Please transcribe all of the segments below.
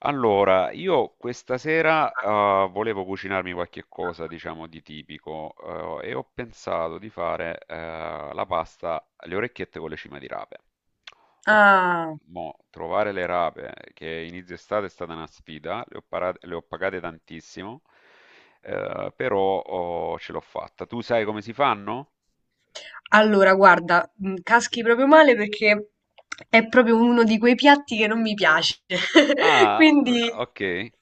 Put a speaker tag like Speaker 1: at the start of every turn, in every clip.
Speaker 1: Allora, io questa sera, volevo cucinarmi qualche cosa, diciamo, di tipico, e ho pensato di fare, la pasta alle orecchiette con le cime di rape. Ho tro
Speaker 2: Ah,
Speaker 1: mo' trovare le rape che inizio estate è stata una sfida, le ho parate le ho pagate tantissimo, però ho ce l'ho fatta. Tu sai come si fanno?
Speaker 2: allora guarda, caschi proprio male perché è proprio uno di quei piatti che non mi piace.
Speaker 1: Ah,
Speaker 2: Quindi
Speaker 1: okay.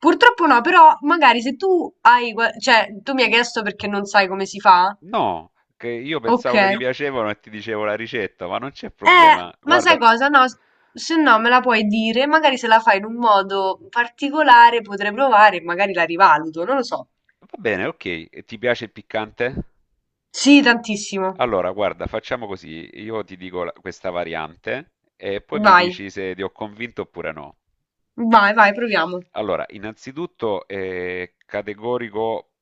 Speaker 2: purtroppo no, però magari se tu hai, cioè tu mi hai chiesto perché non sai come si fa?
Speaker 1: No, che io
Speaker 2: Ok.
Speaker 1: pensavo che ti piacevano e ti dicevo la ricetta, ma non c'è problema.
Speaker 2: Ma sai
Speaker 1: Guarda.
Speaker 2: cosa? Se no me la puoi dire, magari se la fai in un modo particolare potrei provare e magari la rivaluto, non lo so.
Speaker 1: Va bene, ok. E ti piace il piccante?
Speaker 2: Sì, tantissimo.
Speaker 1: Allora, guarda, facciamo così. Io ti dico questa variante e poi mi
Speaker 2: Vai,
Speaker 1: dici se ti ho convinto oppure no.
Speaker 2: vai, vai, proviamo.
Speaker 1: Allora, innanzitutto categorico,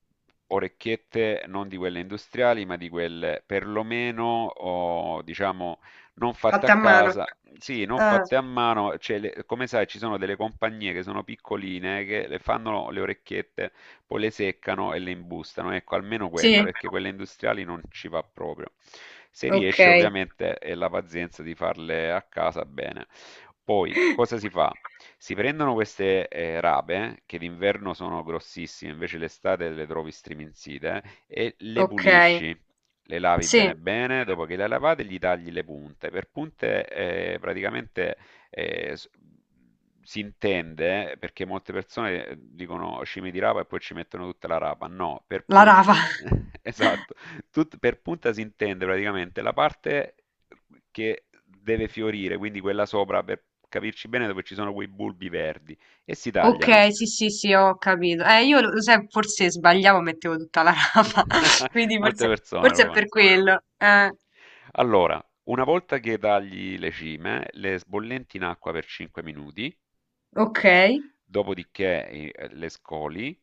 Speaker 1: orecchiette non di quelle industriali, ma di quelle perlomeno, o, diciamo, non fatte a
Speaker 2: Fatta a mano.
Speaker 1: casa, sì, non
Speaker 2: Ah.
Speaker 1: fatte a mano. Cioè, come sai, ci sono delle compagnie che sono piccoline che le fanno le orecchiette, poi le seccano e le imbustano. Ecco, almeno quelle,
Speaker 2: Sì,
Speaker 1: perché quelle industriali non ci va proprio. Se
Speaker 2: ok,
Speaker 1: riesci, ovviamente, è la pazienza di farle a casa bene. Poi, cosa si fa? Si prendono queste, rape, che d'inverno sono grossissime, invece l'estate le trovi striminzite, e le
Speaker 2: ok,
Speaker 1: pulisci. Le lavi
Speaker 2: sì,
Speaker 1: bene bene, dopo che le hai lavate gli tagli le punte. Per punte, praticamente, s si intende, perché molte persone, dicono: "Cime di rapa" e poi ci mettono tutta la rapa. No, per
Speaker 2: la
Speaker 1: pun
Speaker 2: rapa.
Speaker 1: esatto, tut per punta si intende praticamente la parte che deve fiorire, quindi quella sopra, per capirci bene, dove ci sono quei bulbi verdi, e si
Speaker 2: Ok,
Speaker 1: tagliano.
Speaker 2: sì, sì, sì, ho capito. Io lo sai, forse sbagliavo, mettevo tutta la rapa, quindi
Speaker 1: Molte
Speaker 2: forse,
Speaker 1: persone
Speaker 2: forse
Speaker 1: lo
Speaker 2: è
Speaker 1: fanno.
Speaker 2: per quello.
Speaker 1: Allora, una volta che tagli le cime, le sbollenti in acqua per 5 minuti,
Speaker 2: Ok,
Speaker 1: dopodiché le scoli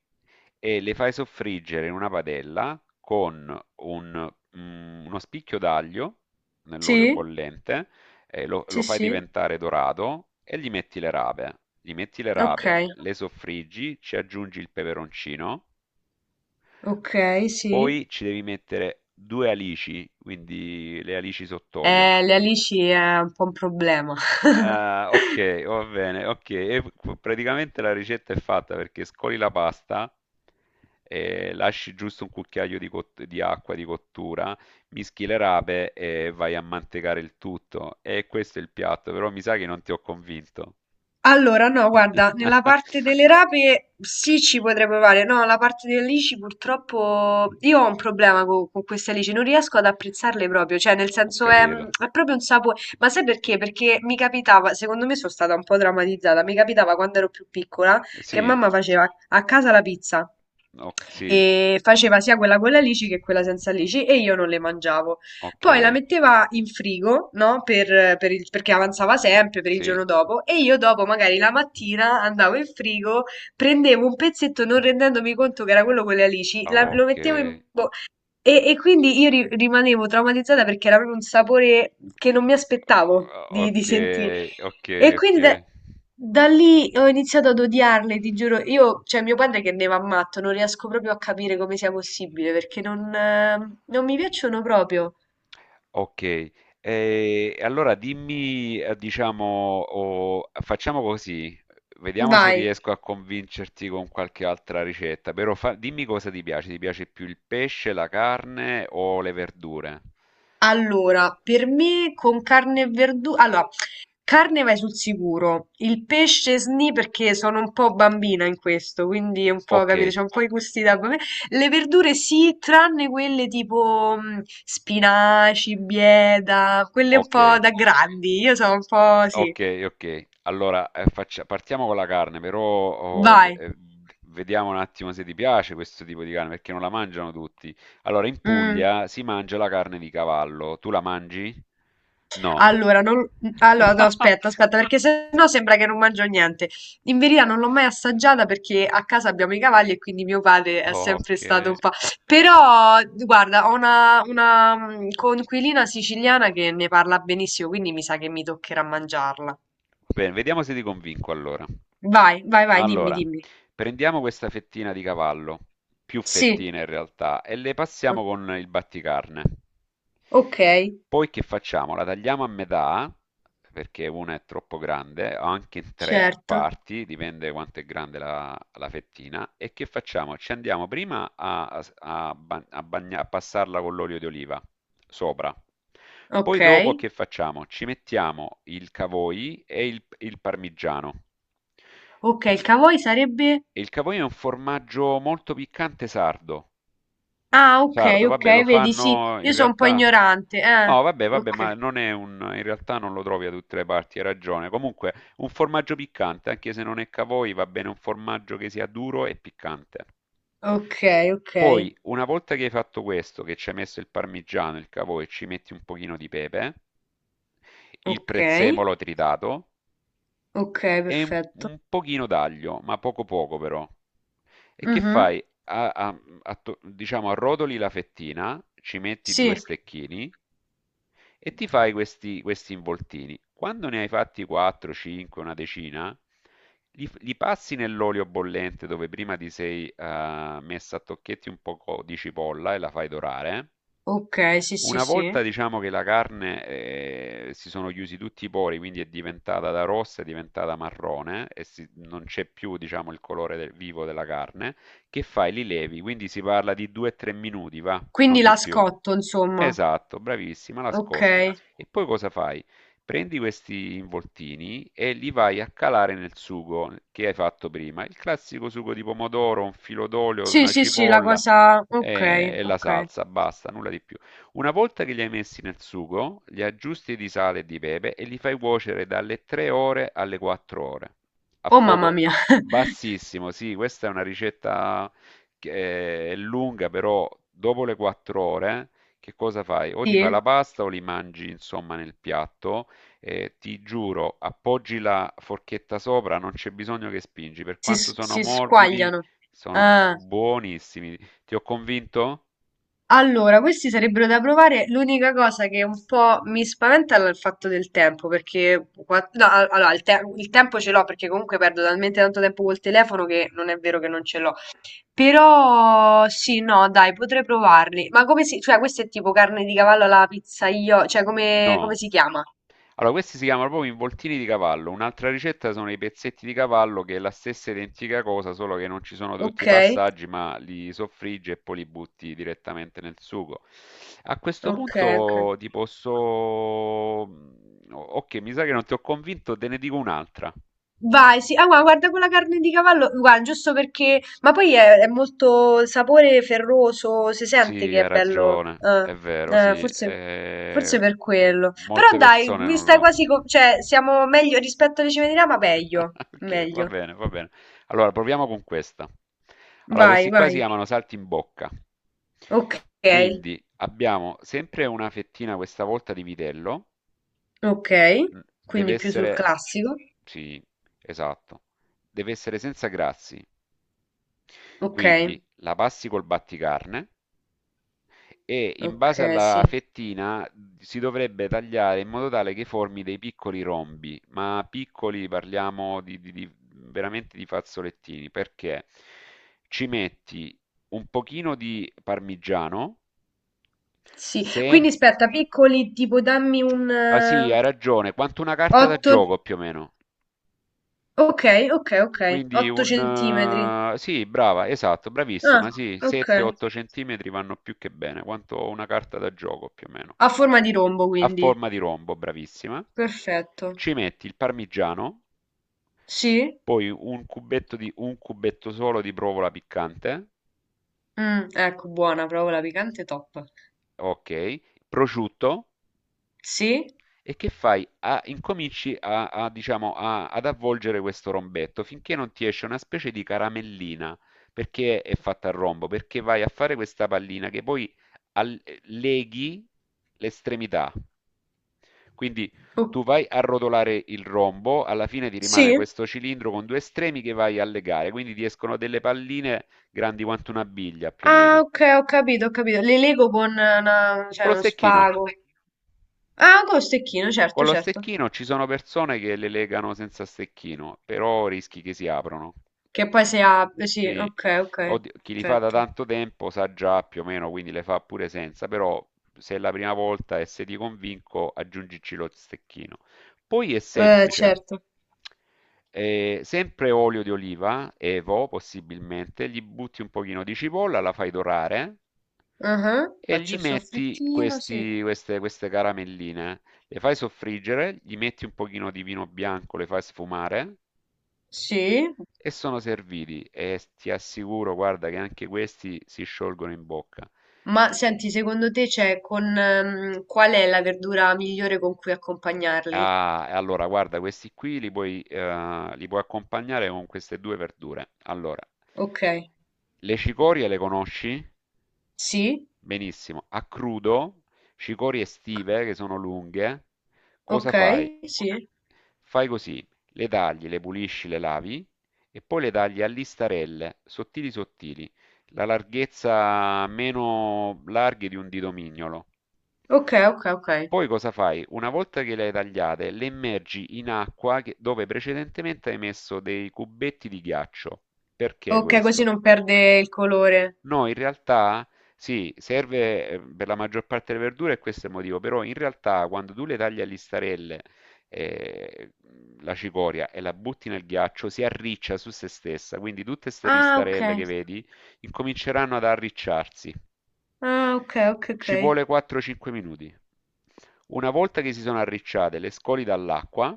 Speaker 1: e le fai soffriggere in una padella con uno spicchio d'aglio nell'olio
Speaker 2: sì,
Speaker 1: bollente,
Speaker 2: sì,
Speaker 1: lo fai
Speaker 2: sì,
Speaker 1: diventare dorato e gli metti le rape. Gli metti le
Speaker 2: ok,
Speaker 1: rape, le soffriggi, ci aggiungi il peperoncino,
Speaker 2: ok, sì.
Speaker 1: poi ci devi mettere due alici, quindi le alici sott'olio.
Speaker 2: Le alici è un po' un problema.
Speaker 1: Ah, ok, va bene, ok. E praticamente la ricetta è fatta perché scoli la pasta, lasci giusto un cucchiaio di, di acqua di cottura, mischi le rape e vai a mantecare il tutto. E questo è il piatto, però mi sa che non ti ho convinto.
Speaker 2: Allora, no, guarda, nella parte delle rape sì ci potrei provare, no, la parte delle alici purtroppo io ho un problema con, queste alici, non riesco ad apprezzarle proprio, cioè nel
Speaker 1: Ho
Speaker 2: senso
Speaker 1: capito.
Speaker 2: è proprio un sapore, ma sai perché? Perché mi capitava, secondo me sono stata un po' traumatizzata, mi capitava quando ero più piccola che
Speaker 1: Sì,
Speaker 2: mamma faceva a casa la pizza
Speaker 1: sì,
Speaker 2: e faceva sia quella con le alici che quella senza alici e io non le mangiavo.
Speaker 1: ok,
Speaker 2: Poi la metteva in frigo, no? Perché avanzava sempre per il
Speaker 1: sì,
Speaker 2: giorno dopo e io dopo magari la mattina andavo in frigo, prendevo un pezzetto non rendendomi conto che era quello con le alici, lo
Speaker 1: ok.
Speaker 2: mettevo in bocca e quindi io rimanevo traumatizzata perché era proprio un sapore che non mi aspettavo di
Speaker 1: Ok,
Speaker 2: sentire.
Speaker 1: ok,
Speaker 2: E
Speaker 1: ok.
Speaker 2: quindi da lì ho iniziato ad odiarle, ti giuro. Io, cioè mio padre che ne va matto, non riesco proprio a capire come sia possibile perché non mi piacciono proprio.
Speaker 1: Ok, e allora dimmi, diciamo, facciamo così, vediamo se
Speaker 2: Vai.
Speaker 1: riesco a convincerti con qualche altra ricetta, però dimmi cosa ti piace più il pesce, la carne o le verdure?
Speaker 2: Allora, per me con carne e verdura. Allora, carne vai sul sicuro. Il pesce sni perché sono un po' bambina in questo, quindi è un po',
Speaker 1: Ok,
Speaker 2: capito, c'ho un po' i gusti da bambina. Le verdure sì, tranne quelle tipo spinaci, bieta, quelle un
Speaker 1: ok.
Speaker 2: po' da grandi. Io sono un po' sì.
Speaker 1: Ok, ok. Allora, partiamo con la carne, però oh,
Speaker 2: Vai.
Speaker 1: vediamo un attimo se ti piace questo tipo di carne, perché non la mangiano tutti. Allora, in
Speaker 2: Mm.
Speaker 1: Puglia si mangia la carne di cavallo. Tu la mangi? No.
Speaker 2: Allora, non- allora, no, aspetta, aspetta, perché sennò sembra che non mangio niente. In verità non l'ho mai assaggiata perché a casa abbiamo i cavalli e quindi mio padre è sempre
Speaker 1: Ok.
Speaker 2: stato un po'. Però, guarda, ho una coinquilina siciliana che ne parla benissimo, quindi mi sa che mi toccherà mangiarla.
Speaker 1: Bene, vediamo se ti convinco allora.
Speaker 2: Vai, vai, vai, dimmi,
Speaker 1: Allora.
Speaker 2: dimmi.
Speaker 1: Prendiamo questa fettina di cavallo, più
Speaker 2: Sì,
Speaker 1: fettine in realtà, e le passiamo con il batticarne.
Speaker 2: ok,
Speaker 1: Poi che facciamo? La tagliamo a metà, perché una è troppo grande, o anche in tre
Speaker 2: certo,
Speaker 1: parti, dipende quanto è grande la fettina. E che facciamo? Ci andiamo prima a, a- a ba- a bagna- a passarla con l'olio di oliva sopra. Poi
Speaker 2: ok.
Speaker 1: dopo che facciamo? Ci mettiamo il cavoi e il parmigiano.
Speaker 2: Ok,
Speaker 1: Pu-
Speaker 2: il cavoi sarebbe?
Speaker 1: E il capolinno è un formaggio molto piccante sardo.
Speaker 2: Ah, ok,
Speaker 1: Sardo,
Speaker 2: ok,
Speaker 1: vabbè, lo
Speaker 2: vedi, sì,
Speaker 1: fanno in
Speaker 2: io sono un po'
Speaker 1: realtà.
Speaker 2: ignorante, eh.
Speaker 1: No, vabbè, ma
Speaker 2: Ok.
Speaker 1: non è un. In realtà non lo trovi da tutte le parti, hai ragione. Comunque, un formaggio piccante, anche se non è cavoi, va bene un formaggio che sia duro e piccante.
Speaker 2: Ok, ok,
Speaker 1: Poi, una volta che hai fatto questo, che ci hai messo il parmigiano, il cavoi, ci metti un pochino di pepe, il
Speaker 2: ok,
Speaker 1: prezzemolo tritato
Speaker 2: ok,
Speaker 1: e
Speaker 2: perfetto.
Speaker 1: un pochino d'aglio, ma poco poco però. E che
Speaker 2: Mhm.
Speaker 1: fai? Diciamo, arrotoli la fettina, ci metti
Speaker 2: Sì,
Speaker 1: due stecchini e ti fai questi involtini. Quando ne hai fatti 4, 5, una decina, li passi nell'olio bollente dove prima ti sei messa a tocchetti un po' di cipolla e la fai dorare.
Speaker 2: ok, sì, sì,
Speaker 1: Una
Speaker 2: sì.
Speaker 1: volta diciamo che la carne si sono chiusi tutti i pori, quindi è diventata da rossa, è diventata marrone e non c'è più diciamo il colore vivo della carne. Che fai? Li levi, quindi si parla di 2-3 minuti, va,
Speaker 2: Quindi
Speaker 1: non di
Speaker 2: la
Speaker 1: più.
Speaker 2: scotto, insomma.
Speaker 1: Esatto, bravissima, la
Speaker 2: Ok.
Speaker 1: scotti. E poi cosa fai? Prendi questi involtini e li vai a calare nel sugo che hai fatto prima, il classico sugo di pomodoro, un filo d'olio,
Speaker 2: Sì,
Speaker 1: una
Speaker 2: sì, sì, la
Speaker 1: cipolla
Speaker 2: cosa. Ok,
Speaker 1: la
Speaker 2: ok.
Speaker 1: salsa, basta, nulla di più. Una volta che li hai messi nel sugo, li aggiusti di sale e di pepe e li fai cuocere dalle 3 ore alle 4 ore a
Speaker 2: Oh, mamma
Speaker 1: fuoco
Speaker 2: mia.
Speaker 1: bassissimo, sì, questa è una ricetta che è lunga, però dopo le 4 ore, che cosa fai? O ti fai
Speaker 2: Sì,
Speaker 1: la pasta o li mangi, insomma, nel piatto. Eh, ti giuro, appoggi la forchetta sopra, non c'è bisogno che spingi. Per quanto sono
Speaker 2: si
Speaker 1: morbidi,
Speaker 2: squagliano.
Speaker 1: sono
Speaker 2: Ah.
Speaker 1: buonissimi. Ti ho convinto?
Speaker 2: Allora, questi sarebbero da provare. L'unica cosa che un po' mi spaventa è il fatto del tempo, perché qua- no, a- allora, il tempo ce l'ho perché comunque perdo talmente tanto tempo col telefono che non è vero che non ce l'ho. Però sì, no, dai, potrei provarli. Ma come si, cioè, questo è tipo carne di cavallo alla pizza io, cioè come, come
Speaker 1: No.
Speaker 2: si chiama?
Speaker 1: Allora, questi si chiamano proprio involtini di cavallo. Un'altra ricetta sono i pezzetti di cavallo, che è la stessa identica cosa, solo che non ci sono tutti
Speaker 2: Ok,
Speaker 1: i passaggi, ma li soffriggi e poi li butti direttamente nel sugo. A questo
Speaker 2: ok, ok.
Speaker 1: punto ti posso... Ok, mi sa che non ti ho convinto, te ne dico un'altra.
Speaker 2: Vai, sì, ah, guarda quella carne di cavallo, guarda, giusto perché, ma poi è molto sapore ferroso, si sente
Speaker 1: Sì,
Speaker 2: che è
Speaker 1: hai
Speaker 2: bello,
Speaker 1: ragione, è vero,
Speaker 2: eh,
Speaker 1: sì.
Speaker 2: forse, forse per
Speaker 1: M-
Speaker 2: quello. Però
Speaker 1: molte
Speaker 2: dai,
Speaker 1: persone
Speaker 2: mi
Speaker 1: non
Speaker 2: stai
Speaker 1: lo...
Speaker 2: quasi, cioè, siamo meglio rispetto alle cime di Rama, meglio,
Speaker 1: Ok, va
Speaker 2: meglio.
Speaker 1: bene, va bene. Allora, proviamo con questa. Allora,
Speaker 2: Vai,
Speaker 1: questi qua
Speaker 2: vai,
Speaker 1: si chiamano salti in bocca.
Speaker 2: ok,
Speaker 1: Quindi abbiamo sempre una fettina, questa volta di vitello.
Speaker 2: ok,
Speaker 1: Mm, Deve
Speaker 2: quindi più sul
Speaker 1: essere,
Speaker 2: classico,
Speaker 1: sì, esatto, deve essere senza grassi.
Speaker 2: ok,
Speaker 1: Quindi la passi col batticarne e in base
Speaker 2: ok,
Speaker 1: alla
Speaker 2: sì,
Speaker 1: fettina si dovrebbe tagliare in modo tale che formi dei piccoli rombi, ma piccoli parliamo veramente di fazzolettini, perché ci metti un pochino di parmigiano,
Speaker 2: sì.
Speaker 1: se...
Speaker 2: Quindi aspetta, piccoli, tipo dammi
Speaker 1: Ah sì,
Speaker 2: un
Speaker 1: hai ragione, quanto una carta da
Speaker 2: 8,
Speaker 1: gioco più o meno.
Speaker 2: okay, okay, okay.
Speaker 1: Quindi
Speaker 2: 8
Speaker 1: un...
Speaker 2: centimetri.
Speaker 1: sì, brava, esatto,
Speaker 2: Ah,
Speaker 1: bravissima, sì,
Speaker 2: okay.
Speaker 1: 7-8 centimetri vanno più che bene, quanto una carta da gioco più o meno.
Speaker 2: Ha forma di rombo
Speaker 1: A
Speaker 2: quindi.
Speaker 1: forma di rombo, bravissima.
Speaker 2: Perfetto.
Speaker 1: Ci metti il parmigiano,
Speaker 2: Sì?
Speaker 1: poi un cubetto di, un cubetto solo di provola piccante,
Speaker 2: Ecco buona, proprio la piccante top.
Speaker 1: ok, prosciutto.
Speaker 2: Sì?
Speaker 1: E che fai? Incominci diciamo, ad avvolgere questo rombetto finché non ti esce una specie di caramellina, perché è fatta a rombo, perché vai a fare questa pallina che poi leghi l'estremità. Quindi
Speaker 2: O
Speaker 1: tu vai a rotolare il rombo, alla fine ti rimane
Speaker 2: sì?
Speaker 1: questo cilindro con due estremi che vai a legare, quindi ti escono delle palline grandi quanto una biglia più o
Speaker 2: Ah
Speaker 1: meno.
Speaker 2: okay, ho capito, ho capito. Le lego con una
Speaker 1: Con
Speaker 2: cioè
Speaker 1: lo
Speaker 2: uno
Speaker 1: stecchino.
Speaker 2: spago. Ah, con lo stecchino, certo,
Speaker 1: Con lo
Speaker 2: certo.
Speaker 1: stecchino ci sono persone che le legano senza stecchino, però rischi che si aprano.
Speaker 2: Che poi si apre, sì,
Speaker 1: Sì,
Speaker 2: okay, okay,
Speaker 1: oddio, chi li fa da
Speaker 2: perfetto.
Speaker 1: tanto tempo sa già più o meno, quindi le fa pure senza, però se è la prima volta e se ti convinco, aggiungici lo stecchino. Poi è semplice.
Speaker 2: Certo.
Speaker 1: Sempre olio di oliva, evo possibilmente, gli butti un pochino di cipolla, la fai dorare
Speaker 2: Ah-ah.
Speaker 1: e
Speaker 2: Faccio
Speaker 1: gli
Speaker 2: il
Speaker 1: metti
Speaker 2: soffrittino, sì.
Speaker 1: queste caramelline. Le fai soffriggere, gli metti un pochino di vino bianco, le fai sfumare
Speaker 2: Sì.
Speaker 1: e sono serviti e s ti assicuro, guarda, che anche questi si sciolgono in bocca.
Speaker 2: Ma senti, secondo te c'è con qual è la verdura migliore con cui accompagnarli?
Speaker 1: Ah, e allora guarda, questi qui li puoi accompagnare con queste due verdure. Allora,
Speaker 2: Ok,
Speaker 1: le cicorie le conosci?
Speaker 2: sì,
Speaker 1: Benissimo. A crudo, cicorie estive che sono lunghe, cosa
Speaker 2: ok,
Speaker 1: fai?
Speaker 2: sì,
Speaker 1: Fai così, le tagli, le pulisci, le lavi e poi le tagli a listarelle, sottili sottili, la larghezza meno larghe di un dito mignolo.
Speaker 2: ok, ok, ok.
Speaker 1: Poi cosa fai? Una volta che le hai tagliate, le immergi in acqua dove precedentemente hai messo dei cubetti di ghiaccio. Perché
Speaker 2: Ok, così
Speaker 1: questo?
Speaker 2: non perde il colore.
Speaker 1: No, in realtà sì, serve per la maggior parte delle verdure e questo è il motivo, però in realtà quando tu le tagli a listarelle eh, la cicoria e la butti nel ghiaccio si arriccia su se stessa, quindi tutte queste
Speaker 2: Ah, ok.
Speaker 1: listarelle che vedi incominceranno ad arricciarsi.
Speaker 2: Ah, ok, ok, ok.
Speaker 1: Ci vuole 4-5 minuti. Una volta che si sono arricciate, le scoli dall'acqua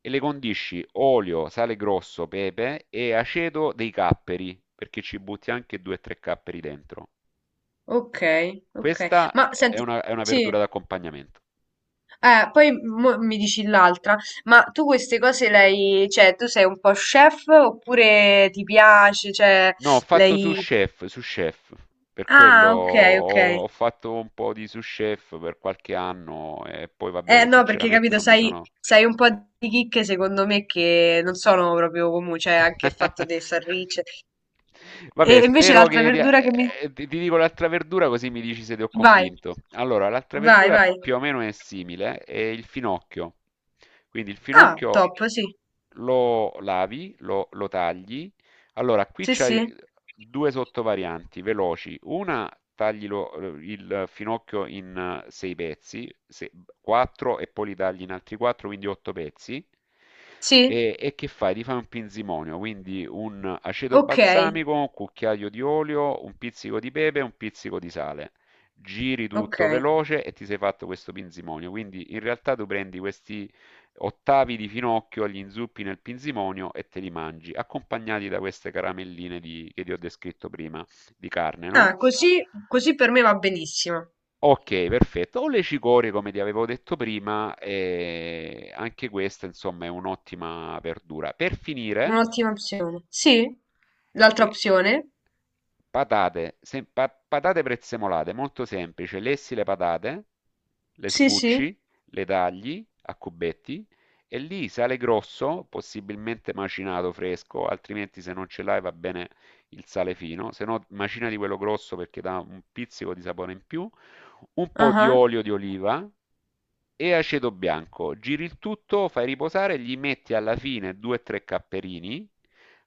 Speaker 1: e le condisci olio, sale grosso, pepe e aceto dei capperi, perché ci butti anche 2-3 capperi dentro.
Speaker 2: Ok, ok.
Speaker 1: Questa
Speaker 2: Ma senti,
Speaker 1: è una verdura
Speaker 2: sì,
Speaker 1: d'accompagnamento.
Speaker 2: poi mo mi dici l'altra, ma tu queste cose le hai, cioè, tu sei un po' chef oppure ti piace, cioè,
Speaker 1: No, ho fatto
Speaker 2: lei.
Speaker 1: su chef, per quello
Speaker 2: Ah, ok, ok.
Speaker 1: ho, ho fatto un po' di su chef per qualche anno e poi va
Speaker 2: Eh
Speaker 1: bene,
Speaker 2: no, perché
Speaker 1: sinceramente
Speaker 2: capito,
Speaker 1: non mi
Speaker 2: sai,
Speaker 1: sono,
Speaker 2: sai un po' di chicche secondo me che non sono proprio comuni, cioè anche il fatto dei sarricce.
Speaker 1: vabbè,
Speaker 2: E invece
Speaker 1: spero
Speaker 2: l'altra
Speaker 1: che ti,
Speaker 2: verdura che mi.
Speaker 1: ti dico l'altra verdura così mi dici se ti ho
Speaker 2: Vai,
Speaker 1: convinto. Allora, l'altra
Speaker 2: vai,
Speaker 1: verdura
Speaker 2: vai.
Speaker 1: più o meno è simile, è il finocchio. Quindi il
Speaker 2: Ah,
Speaker 1: finocchio
Speaker 2: top, sì.
Speaker 1: lo lavi, lo tagli. Allora, qui
Speaker 2: Sì,
Speaker 1: c'hai
Speaker 2: sì.
Speaker 1: due sottovarianti veloci. Una, taglilo il finocchio in 6 pezzi, 4 e poi li tagli in altri 4, quindi 8 pezzi.
Speaker 2: Sì,
Speaker 1: E che fai? Ti fai un pinzimonio, quindi un aceto
Speaker 2: ok,
Speaker 1: balsamico, un cucchiaio di olio, un pizzico di pepe e un pizzico di sale. Giri
Speaker 2: ok.
Speaker 1: tutto veloce e ti sei fatto questo pinzimonio. Quindi in realtà tu prendi questi ottavi di finocchio, gli inzuppi nel pinzimonio e te li mangi, accompagnati da queste caramelline che ti ho descritto prima, di carne, no?
Speaker 2: Ah, così, così per me va benissimo.
Speaker 1: Ok, perfetto. O le cicorie, come ti avevo detto prima, e anche questa, insomma, è un'ottima verdura. Per finire,
Speaker 2: Un'ottima opzione. Sì, l'altra
Speaker 1: eh,
Speaker 2: opzione.
Speaker 1: patate, patate prezzemolate, molto semplice. Lessi le patate, le
Speaker 2: Sì, sì.
Speaker 1: sbucci, le tagli a cubetti e lì sale grosso, possibilmente macinato fresco, altrimenti se non ce l'hai va bene il sale fino, se no macina di quello grosso perché dà un pizzico di sapore in più, un po'
Speaker 2: Ah,
Speaker 1: di
Speaker 2: ah.
Speaker 1: olio di oliva e aceto bianco. Giri il tutto, fai riposare, gli metti alla fine 2-3 capperini.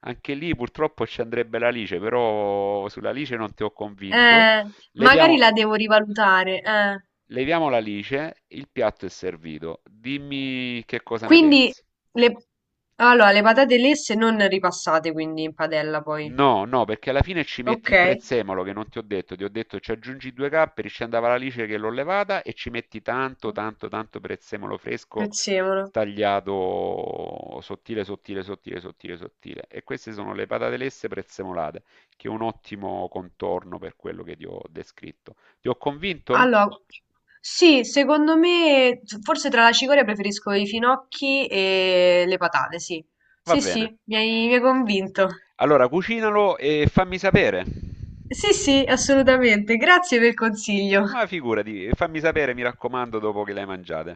Speaker 1: Anche lì purtroppo ci andrebbe l'alice, però sull'alice non ti ho convinto.
Speaker 2: Eh, magari
Speaker 1: Leviamo,
Speaker 2: la devo rivalutare.
Speaker 1: leviamo l'alice, il piatto è servito. Dimmi che cosa ne
Speaker 2: Quindi
Speaker 1: pensi.
Speaker 2: le, allora, le patate lesse non ripassate quindi in padella poi.
Speaker 1: No, no, perché alla fine ci metti
Speaker 2: Ok,
Speaker 1: il prezzemolo che non ti ho detto, ti ho detto ci aggiungi 2 capperi, ci andava la lice che l'ho levata e ci metti tanto, tanto, tanto prezzemolo fresco
Speaker 2: prezzemolo.
Speaker 1: tagliato sottile, sottile, sottile, sottile, sottile. E queste sono le patate lesse prezzemolate, che è un ottimo contorno per quello che ti ho descritto. Ti ho convinto?
Speaker 2: Allora, sì, secondo me forse tra la cicoria preferisco i finocchi e le patate, sì.
Speaker 1: Va
Speaker 2: Sì,
Speaker 1: bene.
Speaker 2: sì, mi hai convinto.
Speaker 1: Allora, cucinalo e fammi sapere.
Speaker 2: Sì, sì, assolutamente. Grazie per il consiglio.
Speaker 1: Ma figurati, fammi sapere, mi raccomando, dopo che le hai mangiate.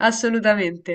Speaker 2: Assolutamente.